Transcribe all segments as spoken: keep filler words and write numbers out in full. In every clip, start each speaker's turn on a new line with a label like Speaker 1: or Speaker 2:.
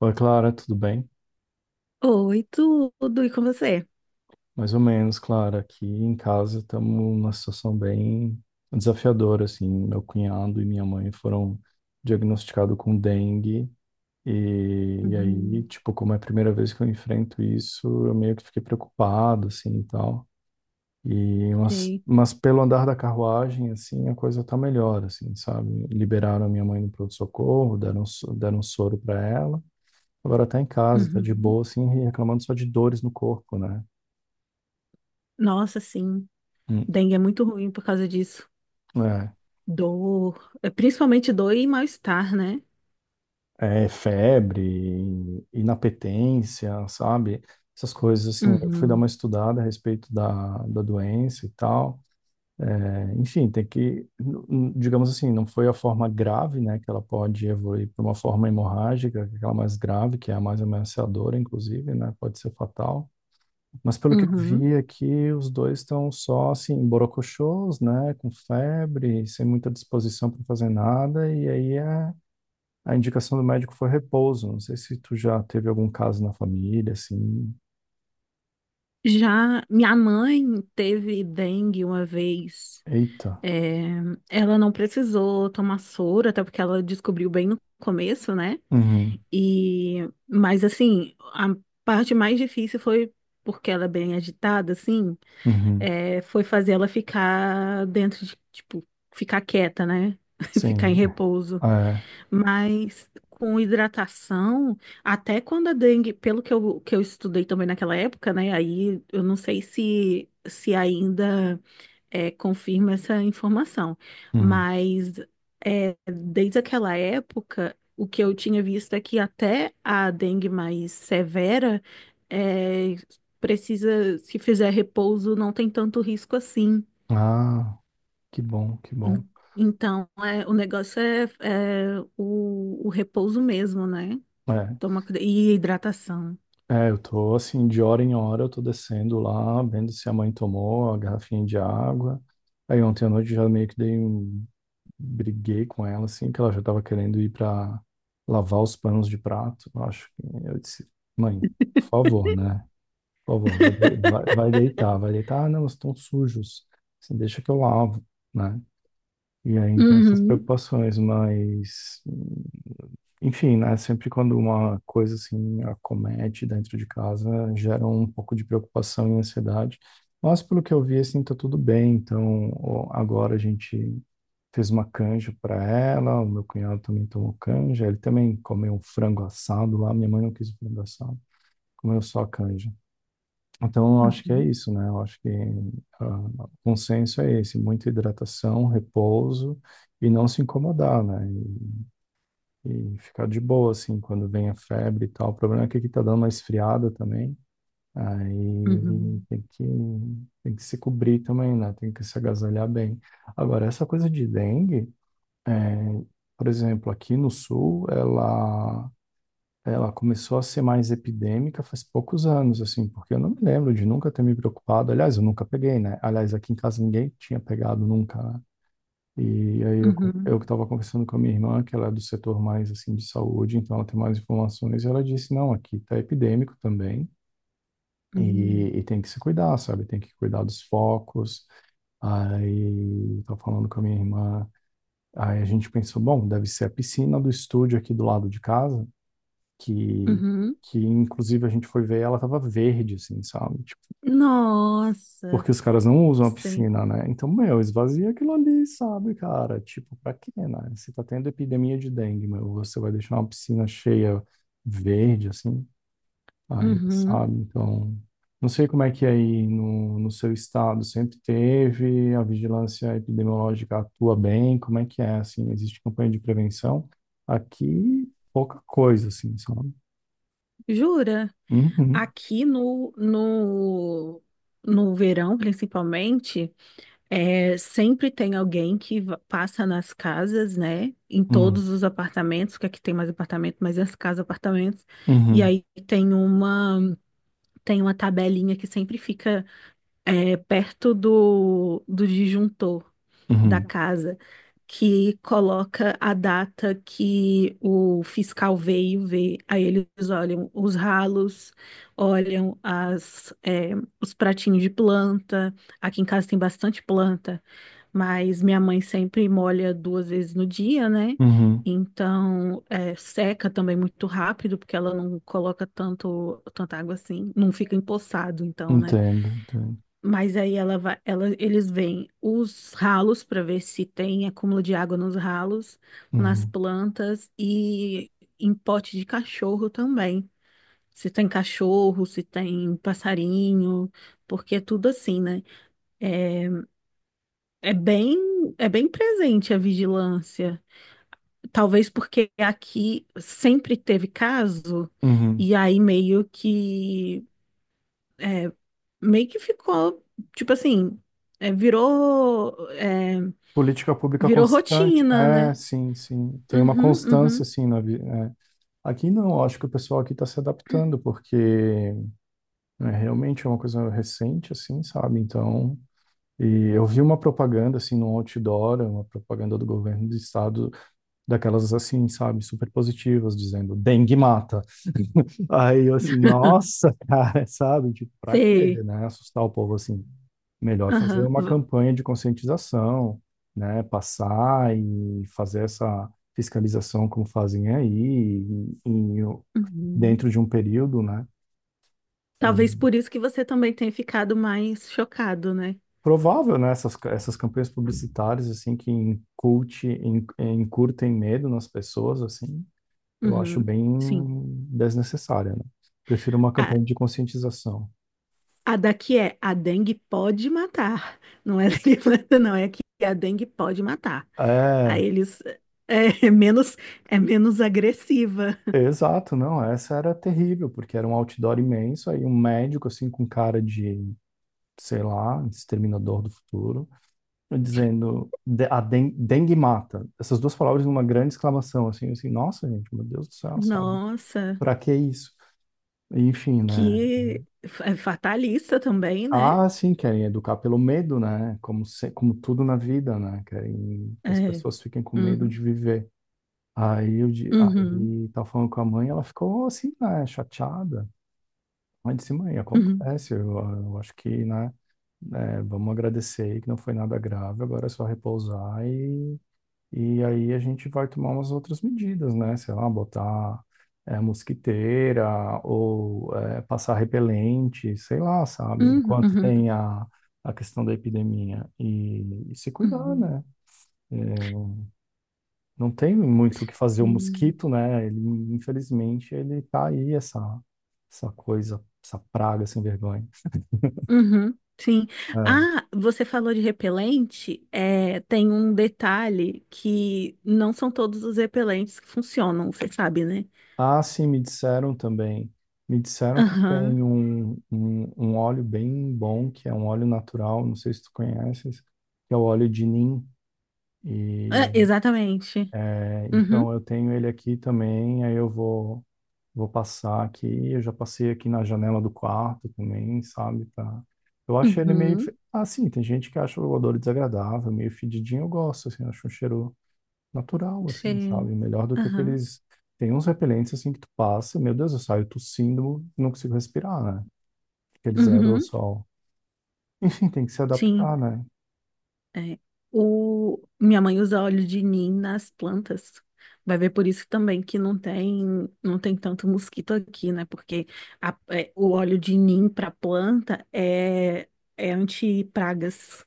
Speaker 1: Oi, Clara, tudo bem?
Speaker 2: Oi, tudo, e com você?
Speaker 1: Mais ou menos, Clara. Aqui em casa estamos numa situação bem desafiadora, assim. Meu cunhado e minha mãe foram diagnosticados com dengue e, e aí,
Speaker 2: Uhum,
Speaker 1: tipo, como é a primeira vez que eu enfrento isso, eu meio que fiquei preocupado, assim, e tal. E mas,
Speaker 2: sei.
Speaker 1: mas pelo andar da carruagem, assim, a coisa tá melhor, assim, sabe? Liberaram a minha mãe do pronto-socorro, deram, so- deram um soro para ela. Agora tá em casa, tá de
Speaker 2: Uhum.
Speaker 1: boa, assim, reclamando só de dores no corpo, né?
Speaker 2: Nossa, sim,
Speaker 1: Hum,
Speaker 2: dengue é muito ruim por causa disso.
Speaker 1: é,
Speaker 2: Dor, é, principalmente dor e mal-estar, né?
Speaker 1: é febre, inapetência, sabe? Essas coisas assim. Eu fui dar uma
Speaker 2: Uhum.
Speaker 1: estudada a respeito da, da doença e tal. É, enfim, tem que, n- n- digamos assim, não foi a forma grave, né? Que ela pode evoluir para uma forma hemorrágica, que é aquela mais grave, que é a mais ameaçadora, inclusive, né? Pode ser fatal. Mas pelo que eu
Speaker 2: Uhum.
Speaker 1: vi aqui, os dois estão só assim, borocochôs, né? Com febre, sem muita disposição para fazer nada, e aí é. A indicação do médico foi repouso. Não sei se tu já teve algum caso na família, assim.
Speaker 2: Já minha mãe teve dengue uma vez.
Speaker 1: Eita.
Speaker 2: É, ela não precisou tomar soro, até porque ela descobriu bem no começo, né?
Speaker 1: Uhum,
Speaker 2: E, mas assim, a parte mais difícil foi porque ela é bem agitada, assim.
Speaker 1: uhum.
Speaker 2: É, foi fazer ela ficar dentro de, tipo, ficar quieta, né? Ficar em
Speaker 1: Sim.
Speaker 2: repouso.
Speaker 1: É.
Speaker 2: Mas com hidratação, até quando a dengue, pelo que eu, que eu estudei também naquela época, né? Aí eu não sei se, se ainda é, confirma essa informação.
Speaker 1: Uhum.
Speaker 2: Mas é, desde aquela época, o que eu tinha visto é que até a dengue mais severa é, precisa, se fizer repouso, não tem tanto risco assim.
Speaker 1: Ah, que bom, que bom.
Speaker 2: En- Então, é, o negócio é, é o, o repouso mesmo, né?
Speaker 1: É,
Speaker 2: Toma, cuida- e hidratação.
Speaker 1: é, eu tô assim, de hora em hora, eu tô descendo lá, vendo se a mãe tomou a garrafinha de água. Aí ontem à noite já meio que dei um... briguei com ela, assim, que ela já tava querendo ir pra lavar os panos de prato. Eu acho que eu disse, mãe, por favor, né? Pô, vó, vai, de- vai, vai deitar, vai deitar. Ah, não, estão sujos. Assim, deixa que eu lavo, né? E aí, então, essas
Speaker 2: Uhum,
Speaker 1: preocupações, mas, enfim, né? Sempre quando uma coisa assim acomete dentro de casa, gera um pouco de preocupação e ansiedade. Mas, pelo que eu vi, assim, tá tudo bem. Então, ó, agora a gente fez uma canja para ela, o meu cunhado também tomou canja, ele também comeu um frango assado lá. Minha mãe não quis o frango assado, comeu só a canja. Então, eu acho que é
Speaker 2: uhum,
Speaker 1: isso, né? Eu acho que ah, o consenso é esse, muita hidratação, repouso e não se incomodar, né? E, e ficar de boa, assim, quando vem a febre e tal. O problema é que aqui tá dando uma esfriada também, aí
Speaker 2: uhum,
Speaker 1: tem que, tem que se cobrir também, né? Tem que se agasalhar bem. Agora, essa coisa de dengue, é, por exemplo, aqui no sul, ela ela começou a ser mais epidêmica faz poucos anos, assim, porque eu não me lembro de nunca ter me preocupado. Aliás, eu nunca peguei, né? Aliás, aqui em casa ninguém tinha pegado nunca, né? E aí eu, co- eu que
Speaker 2: uhum,
Speaker 1: estava conversando com a minha irmã, que ela é do setor mais, assim, de saúde, então ela tem mais informações, e ela disse, não, aqui tá epidêmico também,
Speaker 2: uhum,
Speaker 1: e, e tem que se cuidar, sabe? Tem que cuidar dos focos. Aí, estava falando com a minha irmã, aí a gente pensou, bom, deve ser a piscina do estúdio aqui do lado de casa, que,
Speaker 2: uhum.
Speaker 1: que inclusive a gente foi ver, e ela tava verde, assim, sabe? Tipo,
Speaker 2: Nossa,
Speaker 1: porque os caras não usam a
Speaker 2: sim.
Speaker 1: piscina, né? Então, meu, esvazia aquilo ali, sabe, cara? Tipo, pra quê, né? Você tá tendo epidemia de dengue, meu, você vai deixar uma piscina cheia verde, assim, aí,
Speaker 2: Uhum.
Speaker 1: sabe? Então, não sei como é que é aí no, no seu estado sempre teve, a vigilância epidemiológica atua bem, como é que é, assim, existe campanha de prevenção? Aqui, pouca coisa, assim, sabe?
Speaker 2: Jura?
Speaker 1: Uhum,
Speaker 2: Aqui no, no, no verão, principalmente, é, sempre tem alguém que va- passa nas casas, né? Em todos
Speaker 1: uhum.
Speaker 2: os apartamentos, que aqui tem mais apartamento, mas as casas, apartamentos. E
Speaker 1: Uhum,
Speaker 2: aí tem uma, tem uma tabelinha que sempre fica, é, perto do, do disjuntor da
Speaker 1: uhum,
Speaker 2: casa, que coloca a data que o fiscal veio ver. Aí eles olham os ralos, olham as, é, os pratinhos de planta. Aqui em casa tem bastante planta, mas minha mãe sempre molha duas vezes no dia, né?
Speaker 1: uhum.
Speaker 2: Então, é, seca também muito rápido, porque ela não coloca tanto, tanta água assim, não fica empoçado, então, né?
Speaker 1: Entendo, entendo.
Speaker 2: Mas aí ela vai, ela, eles veem os ralos para ver se tem acúmulo de água nos ralos, nas
Speaker 1: Uhum,
Speaker 2: plantas e em pote de cachorro também. Se tem cachorro, se tem passarinho, porque é tudo assim, né? É, é bem, é bem presente a vigilância. Talvez porque aqui sempre teve
Speaker 1: então,
Speaker 2: caso,
Speaker 1: uhum.
Speaker 2: e aí meio que, é, meio que ficou, tipo assim, é, virou. é,
Speaker 1: Política pública
Speaker 2: virou
Speaker 1: constante,
Speaker 2: rotina, né?
Speaker 1: é, sim, sim. Tem uma
Speaker 2: Uhum,
Speaker 1: constância,
Speaker 2: uhum.
Speaker 1: assim, na vida. Aqui não, eu acho que o pessoal aqui está se adaptando, porque é, realmente é uma coisa recente, assim, sabe? Então, e eu vi uma propaganda, assim, no outdoor, uma propaganda do governo do estado, daquelas, assim, sabe, super positivas, dizendo dengue mata. Aí eu assim, nossa, cara, sabe? Tipo, pra quê,
Speaker 2: Sei.
Speaker 1: né? Assustar o povo assim. Melhor fazer
Speaker 2: Aham.
Speaker 1: uma
Speaker 2: v-
Speaker 1: campanha de conscientização, né? Passar e fazer essa fiscalização como fazem aí, em- em-
Speaker 2: Uhum.
Speaker 1: dentro de um período, né? E
Speaker 2: Talvez por isso que você também tenha ficado mais chocado, né?
Speaker 1: provável, né? Essas, essas campanhas publicitárias, assim, que inculte, in- incutem medo nas pessoas, assim, eu acho
Speaker 2: Uhum.
Speaker 1: bem
Speaker 2: Sim.
Speaker 1: desnecessária, né? Prefiro uma
Speaker 2: A,
Speaker 1: campanha de conscientização.
Speaker 2: a daqui é a dengue pode matar. Não é daqui, não, é que a dengue pode matar. Aí
Speaker 1: É,
Speaker 2: eles é, é menos é menos agressiva.
Speaker 1: exato, não, essa era terrível, porque era um outdoor imenso, aí um médico, assim, com cara de, sei lá, exterminador do futuro, dizendo, "De- a den- dengue mata." Essas duas palavras numa grande exclamação, assim, assim, nossa, gente, meu Deus do céu, sabe?
Speaker 2: Nossa,
Speaker 1: Pra que isso? Enfim, né?
Speaker 2: que f- é fatalista também, né?
Speaker 1: Ah, sim, querem educar pelo medo, né? Como, se, como tudo na vida, né? Querem que as
Speaker 2: É.
Speaker 1: pessoas fiquem com medo
Speaker 2: Uhum,
Speaker 1: de viver. Aí eu, di-
Speaker 2: uhum,
Speaker 1: aí tava falando com a mãe, ela ficou assim, né, chateada. Mas sim, mãe,
Speaker 2: uhum,
Speaker 1: acontece. Eu, eu acho que, né, né, vamos agradecer aí que não foi nada grave, agora é só repousar e, e aí a gente vai tomar umas outras medidas, né? Sei lá, botar é, mosquiteira ou é, passar repelente, sei lá, sabe?
Speaker 2: uhum,
Speaker 1: Enquanto
Speaker 2: uhum,
Speaker 1: tem a, a questão da epidemia e, e se cuidar,
Speaker 2: uhum.
Speaker 1: né? É, não tem muito o que fazer o
Speaker 2: Sim.
Speaker 1: mosquito, né? Ele, infelizmente, ele tá aí, essa, essa coisa, essa praga sem vergonha.
Speaker 2: Uhum, sim.
Speaker 1: É.
Speaker 2: Ah, você falou de repelente. É, tem um detalhe que não são todos os repelentes que funcionam, você sabe, né?
Speaker 1: Ah, sim, me disseram também. Me disseram que
Speaker 2: Aham.
Speaker 1: tem um, um, um óleo bem bom, que é um óleo natural, não sei se tu conheces, que é o óleo de Nim.
Speaker 2: Ah,
Speaker 1: E
Speaker 2: exatamente.
Speaker 1: é,
Speaker 2: Uhum.
Speaker 1: então eu tenho ele aqui também, aí eu vou, vou passar aqui. Eu já passei aqui na janela do quarto também, sabe? Pra... Eu acho ele meio.
Speaker 2: Uhum.
Speaker 1: fe- Ah, sim, tem gente que acha o odor desagradável, meio fedidinho, eu gosto, assim, acho um cheiro natural, assim, sabe?
Speaker 2: Sim.
Speaker 1: Melhor do que
Speaker 2: Aham.
Speaker 1: aqueles. Tem uns repelentes, assim, que tu passa, meu Deus, eu saio tossindo, não consigo respirar, né? Aqueles
Speaker 2: Uhum.
Speaker 1: aerossol. Enfim, tem que se adaptar,
Speaker 2: Sim.
Speaker 1: né?
Speaker 2: É. O... Minha mãe usa óleo de nim nas plantas. Vai ver por isso também que não tem, não tem tanto mosquito aqui, né? Porque a- é, o óleo de nim para planta é, é anti-pragas.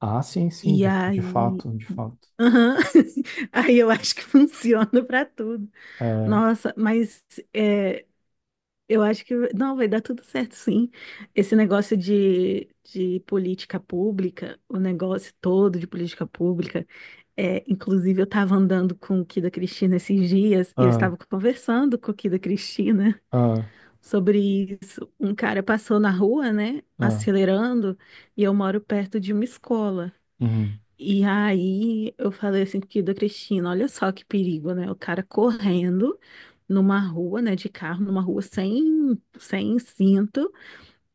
Speaker 1: Ah, sim, sim,
Speaker 2: E
Speaker 1: de, de
Speaker 2: aí.
Speaker 1: fato, de fato.
Speaker 2: Aham. Aí eu acho que funciona para tudo.
Speaker 1: É,
Speaker 2: Nossa, mas é, eu acho que não vai dar tudo certo, sim. Esse negócio de, de política pública, o negócio todo de política pública, é, inclusive eu estava andando com o Kida Cristina esses dias e eu
Speaker 1: ah,
Speaker 2: estava conversando com o Kida Cristina
Speaker 1: ah,
Speaker 2: sobre isso. Um cara passou na rua, né,
Speaker 1: ah,
Speaker 2: acelerando, e eu moro perto de uma escola.
Speaker 1: uhum.
Speaker 2: E aí eu falei assim que da Cristina, olha só que perigo, né? O cara correndo numa rua, né, de carro, numa rua sem, sem cinto,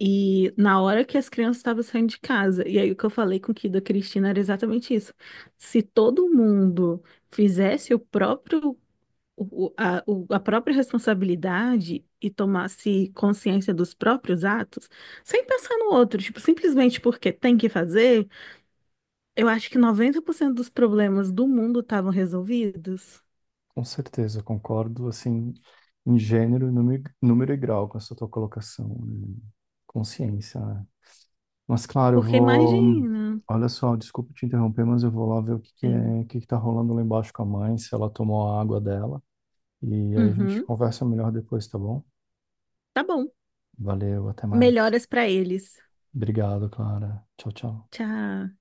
Speaker 2: e na hora que as crianças estavam saindo de casa. E aí o que eu falei com o Kida Cristina era exatamente isso. Se todo mundo fizesse o próprio o- o- a, o- a própria responsabilidade e tomasse consciência dos próprios atos, sem pensar no outro, tipo, simplesmente porque tem que fazer, eu acho que noventa por cento dos problemas do mundo estavam resolvidos.
Speaker 1: Com certeza, concordo, assim, em gênero, número, número e grau com essa tua colocação, né? Consciência, né? Mas claro, eu
Speaker 2: Porque
Speaker 1: vou.
Speaker 2: imagina.
Speaker 1: Olha só, desculpa te interromper, mas eu vou lá ver o que que
Speaker 2: Sim.
Speaker 1: é, o que que tá rolando lá embaixo com a mãe, se ela tomou a água dela. E aí a gente
Speaker 2: Uhum.
Speaker 1: conversa melhor depois, tá bom?
Speaker 2: Tá bom.
Speaker 1: Valeu, até mais.
Speaker 2: Melhoras pra eles.
Speaker 1: Obrigado, Clara. Tchau, tchau.
Speaker 2: Tchau.